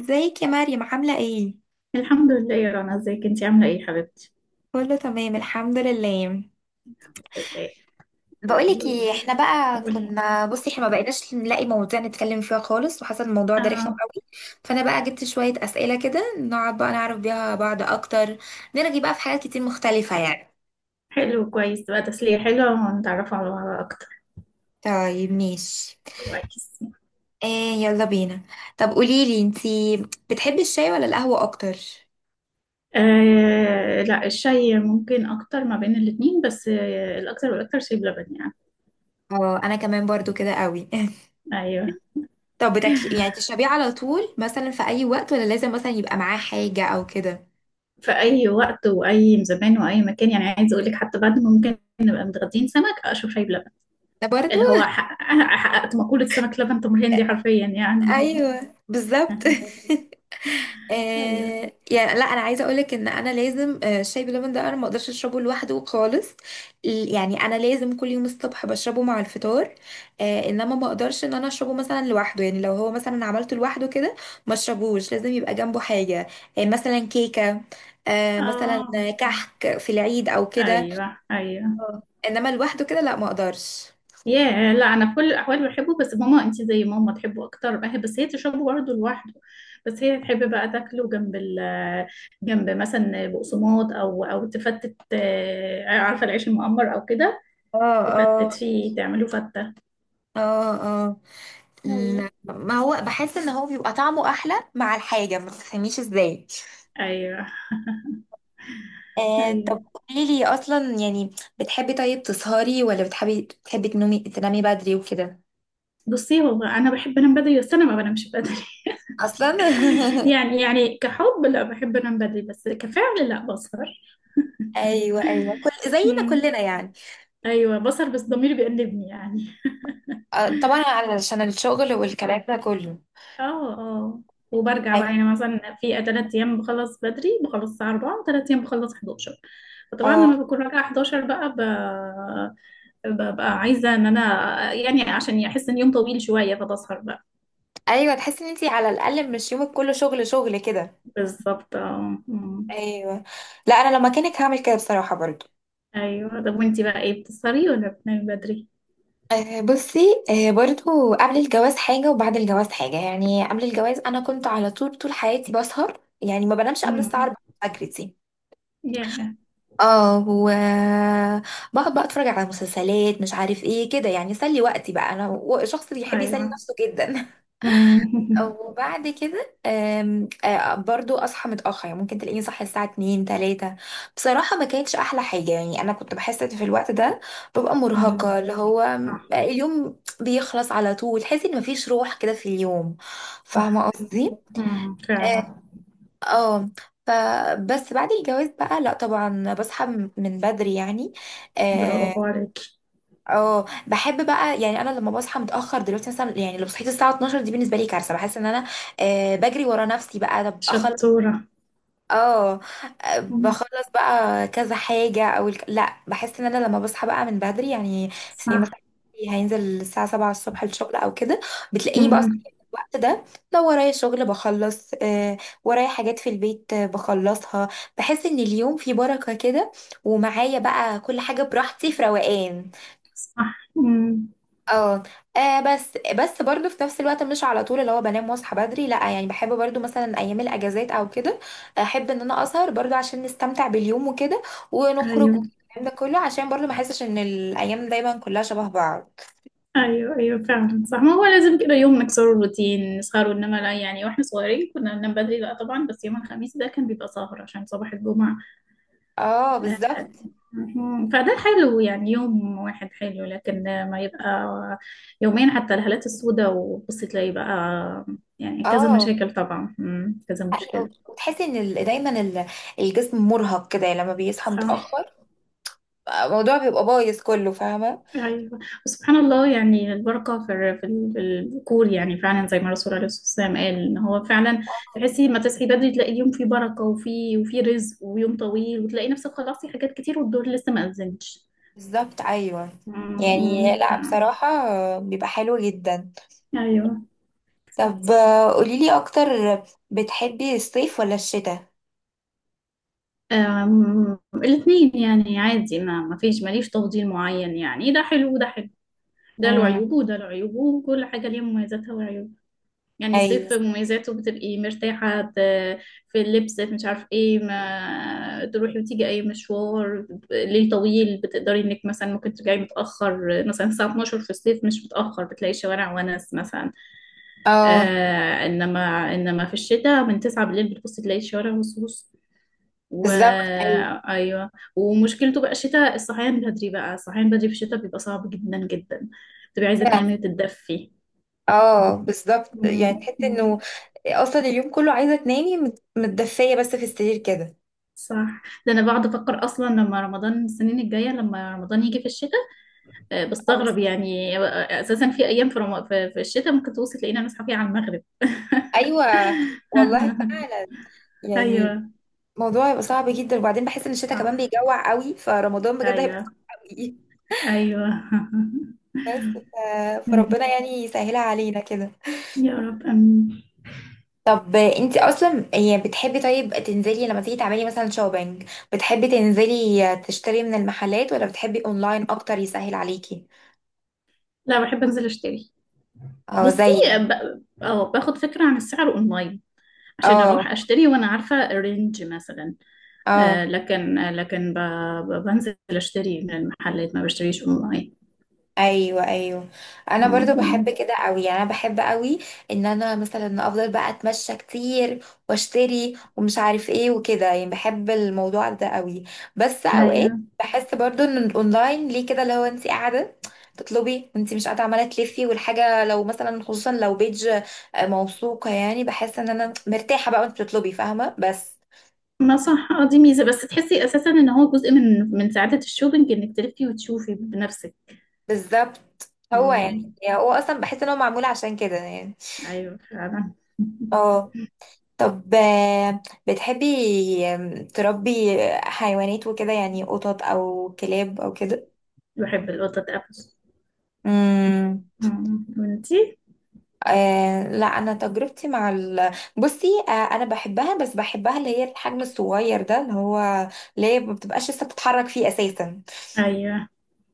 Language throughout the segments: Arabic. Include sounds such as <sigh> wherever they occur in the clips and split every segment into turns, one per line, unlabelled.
ازيك يا مريم عاملة ايه؟
الحمد لله يا رنا، ازيك انتي عاملة ايه يا حبيبتي؟
كله تمام الحمد لله.
الحمد لله. قولي
بقولك
لي.
ايه، احنا بقى
قولي.
كنا احنا ما بقيناش نلاقي مواضيع نتكلم فيها خالص، وحصل الموضوع ده رخم
اه.
قوي. فانا بقى جبت شوية اسئلة كده، نقعد بقى نعرف بيها بعض اكتر، نرغي بقى في حاجات كتير مختلفة يعني.
حلو، كويس بقى، تسلية حلوة ونتعرف على بعض اكتر.
طيب ماشي،
كويس.
ايه يلا بينا. طب قوليلي انتي، بتحبي الشاي ولا القهوة اكتر؟
آه لا، الشاي ممكن اكتر ما بين الاتنين، بس آه الاكتر والاكتر شاي بلبن يعني.
اه انا كمان برضو كده قوي. <laughs>
ايوه.
طب بتاكلي يعني تشربيه على طول مثلا في اي وقت، ولا لازم مثلا يبقى معاه حاجة او كده؟
في اي وقت واي زمان واي مكان، يعني عايز اقول لك حتى بعد ما ممكن نبقى متغدين سمك اشرب شاي بلبن.
ده برضو.
اللي هو حقق- حققت مقولة سمك لبن تمر هندي حرفيا يعني.
ايوه بالظبط. <laughs>
<laughs> ايوه.
آه يعني لا، انا عايزه اقولك ان انا لازم الشاي بلبن ده انا ما اقدرش اشربه لوحده خالص. يعني انا لازم كل يوم الصبح بشربه مع الفطار. آه انما ما اقدرش ان انا اشربه مثلا لوحده، يعني لو هو مثلا عملته لوحده كده ما اشربوش، لازم يبقى جنبه حاجه. آه مثلا كيكه، آه مثلا
اه.
كحك في العيد او كده.
ايوه. ايوه.
اه انما لوحده كده لا، ما اقدرش.
ياه، لا انا في كل الاحوال بحبه، بس ماما انت زي ماما تحبه اكتر بقى، بس هي تشربه برضه لوحده. بس هي تحب بقى تاكله جنب جنب مثلا بقسماط او تفتت، عارفه العيش المقمر او كده.
اه آه.
تفتت فيه تعمله فته.
اه اه.
ايوه.
ما هو بحس ان هو بيبقى طعمه احلى مع الحاجه، ما تفهميش ازاي.
ايوه.
آه
ايوه.
طب قولي لي اصلا يعني، بتحبي طيب تسهري ولا بتحبي تنومي تنامي بدري وكده.
بصي هو انا بحب انام بدري بس انا ما بنامش بدري.
اصلا.
<laughs>
<laughs>
يعني كحب لا، بحب انام بدري، بس كفعل لا، بسهر.
ايوه ايوه كل زينا
مم.
كلنا يعني.
ايوه، بسهر بس ضميري بيأنبني يعني.
آه طبعا علشان الشغل والكلام ده كله.
اه. اه. وبرجع
أيوة.
بقى، يعني مثلا في تلات ايام بخلص بدري، بخلص الساعة 4:00، وتلات ايام بخلص 11. فطبعا
اه
لما بكون راجعة 11 ببقى عايزة ان انا يعني عشان احس ان يوم طويل شوية فبسهر بقى.
ايوه، تحسي ان انتي على الاقل مش يومك كله شغل شغل كده.
بالظبط. اه. أمم.
ايوه. لا انا لو مكانك هعمل كده بصراحه برضو.
ايوه. طب وانتي بقى ايه، بتسهري ولا بتنامي بدري؟
بصي، برضو قبل الجواز حاجة وبعد الجواز حاجة. يعني قبل الجواز أنا كنت على طول حياتي بسهر، يعني ما بنامش قبل
امم.
الساعة 4 الفجر دي.
يا.
اه، و بقعد بقى اتفرج على مسلسلات مش عارف ايه كده، يعني اسلي وقتي بقى انا و- شخص بيحب يسلي
ايوه.
نفسه جدا. <laughs>
أمم. <laughs>
وبعد كده آم، آه، برضو اصحى متاخر، يعني ممكن تلاقيني صاحيه الساعه 2 3. بصراحه ما كانتش احلى حاجه، يعني انا كنت بحس إن في الوقت ده ببقى
أمم.
مرهقه، اللي هو
صح.
اليوم بيخلص على طول، تحسي ان مفيش روح كده في اليوم.
صح.
فاهمه
أيوة.
قصدي.
أمم.
اه
فعلا.
آه. فبس بعد الجواز بقى لا طبعا بصحى من بدري يعني. آه،
برافو عليكي.
اه بحب بقى، يعني انا لما بصحى متاخر دلوقتي مثلا، يعني لو صحيت الساعه 12 دي بالنسبه لي كارثه، بحس ان انا آه بجري ورا نفسي بقى، طب اخلص.
شطورة.
اه آه،
أمم.
بخلص بقى كذا حاجه او الك... لا بحس ان انا لما بصحى بقى من بدري يعني، زي
صح.
مثلا هينزل الساعه 7 الصبح الشغل او كده، بتلاقيني بقى
أمم.
صاحيه في الوقت ده. لو ورايا شغل بخلص آه، ورايا حاجات في البيت بخلصها. بحس ان اليوم فيه بركه كده، ومعايا بقى كل حاجه براحتي في روقان.
صح. مم.
اه بس برضو في نفس الوقت مش على طول اللي هو بنام واصحى بدري، لا يعني بحب برضو مثلا ايام الاجازات او كده احب ان انا اسهر برضو، عشان نستمتع باليوم وكده ونخرج
ايوه.
والكلام ده كله، عشان برضو ما احسش ان الايام دايما كلها شبه بعض.
ايوه. ايوه فعلا، صح، ما هو لازم كده يوم نكسر الروتين نسهروا، انما لا يعني، واحنا صغيرين كنا بننام بدري لا طبعا، بس يوم الخميس ده كان بيبقى سهر عشان صباح الجمعة.
اه بالظبط.
مم. فده حلو يعني، يوم واحد حلو، لكن ما يبقى يومين، حتى الهالات السوداء، وبصي تلاقي بقى يعني كذا
اه
مشاكل طبعا. مم. كذا
حقيقة.
مشكلة.
وتحسي ان دايما الجسم مرهق كده، يعني لما بيصحى
صح.
متاخر الموضوع بيبقى بايظ كله، فاهمه.
ايوه. وسبحان الله، يعني البركه في في في الذكور، يعني فعلا زي ما الرسول عليه الصلاه والسلام قال ان هو فعلا، تحسي ما تصحي بدري تلاقي يوم فيه بركه وفي وفي رزق ويوم طويل، وتلاقي نفسك خلصتي حاجات كتير والدور لسه ما اذنش.
بالظبط ايوه. يعني
أمم،
لا
فعلاً.
بصراحه بيبقى حلو جدا.
ايوه.
طب آه، قوليلي اكتر، بتحبي الصيف ولا الشتاء؟
أم، الاتنين يعني عادي، ما فيش ماليش تفضيل معين يعني، ده حلو وده حلو، ده له
امم.
عيوبه وده له عيوبه وكل حاجه ليها مميزاتها وعيوبها. يعني
ايوه.
الصيف مميزاته، بتبقي مرتاحة في اللبس، في مش عارف ايه، ما تروحي وتيجي اي مشوار ليل طويل، بتقدري انك مثلا ممكن ترجعي متأخر مثلا الساعة 12:00 في الصيف مش متأخر، بتلاقي الشوارع ونس مثلا.
اه
آه، انما في الشتاء من 9 بالليل بتبصي تلاقي الشوارع مصوص و
بالظبط. ايوه.
ايوه. ومشكلته بقى الشتاء الصحيان بدري، بقى الصحيان بدري في الشتاء بيبقى صعب جدا جدا، بتبقي عايزة تنامي وتتدفي.
اه بالظبط، يعني
مم.
تحس انه اصلا اليوم كله عايزه تنامي متدفيه بس في السرير كده.
صح. ده انا بقعد افكر اصلا لما رمضان السنين الجايه، لما رمضان يجي في الشتاء،
آه.
بستغرب يعني، اساسا في ايام في في الشتاء ممكن توصل تلاقينا نصحى فيها على المغرب.
ايوه. والله فعلا.
<laughs>
يعني
ايوه.
الموضوع هيبقى صعب جدا، وبعدين بحس ان الشتاء كمان
صح.
بيجوع قوي، فرمضان بجد هيبقى
ايوه.
صعب قوي.
ايوه. <laughs>
بس ف... فربنا يعني يسهلها علينا كده.
يا رب امين.
طب انت اصلا يعني بتحبي طيب تنزلي لما تيجي تعملي مثلا شوبينج، بتحبي تنزلي تشتري من المحلات ولا بتحبي اونلاين اكتر يسهل عليكي؟
لا، بحب انزل اشتري.
اه
بصي
زي يعني.
ب... اه، باخد فكره عن السعر اونلاين عشان اروح
اه.
اشتري وانا عارفه الرينج مثلا. آه،
اه.
لكن آه، لكن ب... بنزل اشتري من المحلات، ما بشتريش اونلاين.
ايوه ايوه، انا برضو بحب
مم.
كده قوي، يعني انا بحب قوي ان انا مثلا افضل بقى اتمشى كتير واشتري ومش عارف ايه وكده، يعني بحب الموضوع ده قوي. بس اوقات
ايوه.
بحس برضو ان الاونلاين ليه كده، لو انت قاعده تطلبي وانت مش قاعده عماله تلفي والحاجه لو مثلا خصوصا لو بيج آه، موثوقه، يعني بحس ان انا مرتاحه بقى وانت بتطلبي، فاهمه بس.
ما صح، اه دي ميزه، بس تحسي اساسا ان هو جزء من من سعاده الشوبينج انك تلفي وتشوفي بنفسك.
بالظبط. هو يعني،
مم.
يعني هو اصلا بحس ان هو معمول عشان كده يعني.
ايوه فعلا.
اه. طب آه، بتحبي آم، تربي حيوانات وكده، يعني قطط او كلاب او كده؟
<laughs> بحب القطط قوي.
امم.
مم. وانتي؟
آه لا انا تجربتي مع ال... بصي آه انا بحبها، بس بحبها اللي هي الحجم الصغير ده، اللي هو اللي هي ما بتبقاش لسه بتتحرك فيه اساسا،
ايوه.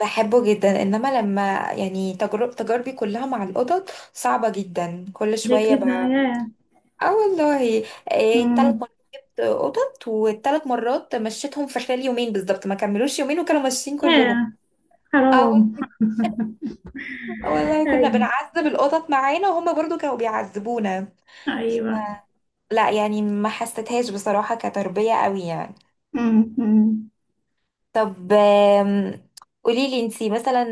بحبه جدا. انما لما يعني تجرب تجاربي كلها مع القطط صعبة جدا كل
ليه
شوية.
كده يا.
اه والله. إيه تلات
مم.
مرات جبت قطط، والتلات مرات مشيتهم في خلال يومين بالظبط، ما كملوش يومين وكانوا ماشيين كلهم.
يا
اه
حرام.
والله. آه والله
<laughs>
كنا
ايوه.
بنعذب القطط معانا، وهم برضو كانوا بيعذبونا.
ايوه.
لا يعني ما حسيتهاش بصراحة كتربية قوي يعني.
مم. مم.
طب آم، قوليلي انتي مثلا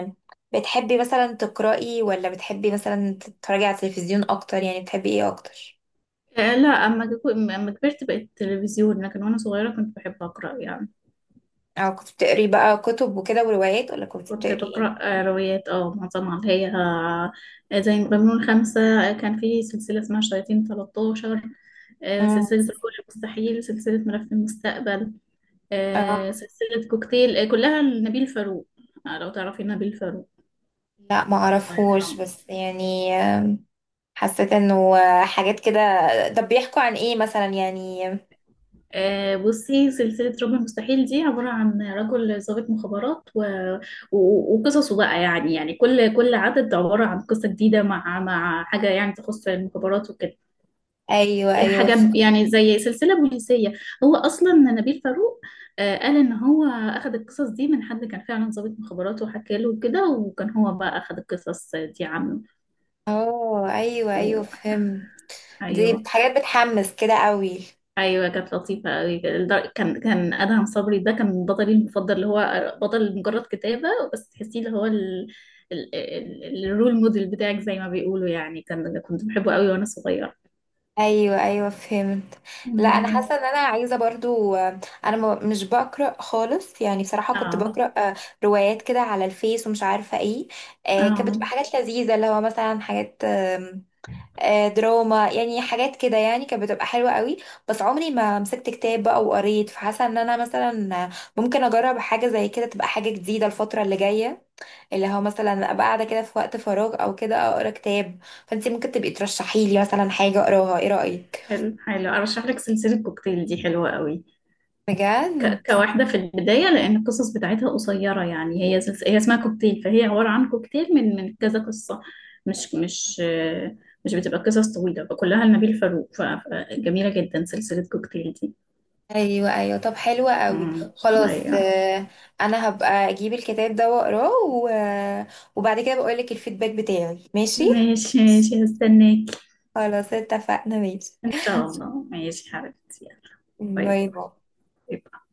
آم، بتحبي مثلا تقرأي ولا بتحبي مثلا تتفرجي على التلفزيون اكتر؟ يعني بتحبي ايه اكتر؟
آه لا، اما كبرت بقيت تلفزيون، لكن وانا صغيره كنت بحب اقرا يعني.
او كنت بتقري بقى كتب وكده وروايات، ولا كنت
كنت
بتقري ايه؟
بقرأ روايات، اه معظمها اللي هي، آه، زي مجنون خمسة، آه، كان في سلسلة اسمها شياطين 13، آه، سلسلة الكل المستحيل، سلسلة ملف المستقبل، آه،
امم.
سلسلة كوكتيل، آه، كلها لنبيل فاروق. آه، لو تعرفي نبيل فاروق،
لا ما
الله
اعرفهوش،
يرحمه.
بس يعني حسيت انه حاجات كده. طب بيحكوا عن ايه مثلا يعني؟
آه، بصي سلسلة رب المستحيل دي عبارة عن رجل ضابط مخابرات و... وقصصه بقى، يعني يعني كل عدد عبارة عن قصة جديدة مع مع حاجة يعني تخص المخابرات وكده.
ايوه ايوه.
حاجة يعني زي سلسلة بوليسية. هو أصلا نبيل فاروق، آه، قال إن هو أخد القصص دي من حد كان فعلا ضابط مخابرات وحكى له كده، وكان هو بقى أخد القصص دي عنه
اه ايوه ايوه
و...
فهمت. دي
أيوه.
حاجات بتحمس كده قوي.
أيوه كانت لطيفة أوي، كان كان أدهم صبري ده كان بطلي المفضل، اللي هو بطل مجرد كتابة بس تحسيه اللي هو الرول موديل بتاعك زي ما بيقولوا يعني، كان كنت بحبه أوي وأنا صغيرة.
ايوه ايوه فهمت. لا انا
مم.
حاسه ان انا عايزه برضو، انا مش بقرا خالص يعني، بصراحه كنت
اه.
بقرا آه، روايات كده على الفيس ومش عارفه ايه. آه، كانت
اه.
بتبقى حاجات لذيذه، اللي هو مثلا حاجات آه، دراما، يعني حاجات كده، يعني كانت بتبقى حلوة قوي. بس عمري ما مسكت كتاب بقى وقريت، فحاسة ان انا مثلا ممكن اجرب حاجة زي كده، تبقى حاجة جديدة الفترة اللي جاية، اللي هو مثلا ابقى قاعدة كده في وقت فراغ او كده اقرا كتاب. فانتي ممكن تبقي ترشحي لي مثلا حاجة اقراها، ايه رأيك؟
حلو، حلو، ارشح لك سلسله كوكتيل دي حلوه قوي.
بجد؟
كواحده في البدايه، لان القصص بتاعتها قصيره يعني، هي هي اسمها كوكتيل، فهي عباره عن كوكتيل من من كذا قصه، مش مش آه، مش بتبقى قصص طويله، فكلها لنبيل فاروق، فجميله جدا سلسله كوكتيل دي.
ايوه ايوه. طب حلوة قوي.
امم.
خلاص
ايوه.
آه، انا هبقى اجيب الكتاب ده واقراه و- وبعد كده بقول لك الفيدباك بتاعي، ماشي.
ماشي ماشي، هستناك.
خلاص اتفقنا ماشي.
ان شاء الله، ماشي حبيبتي، يلا. باي
باي باي.
باي.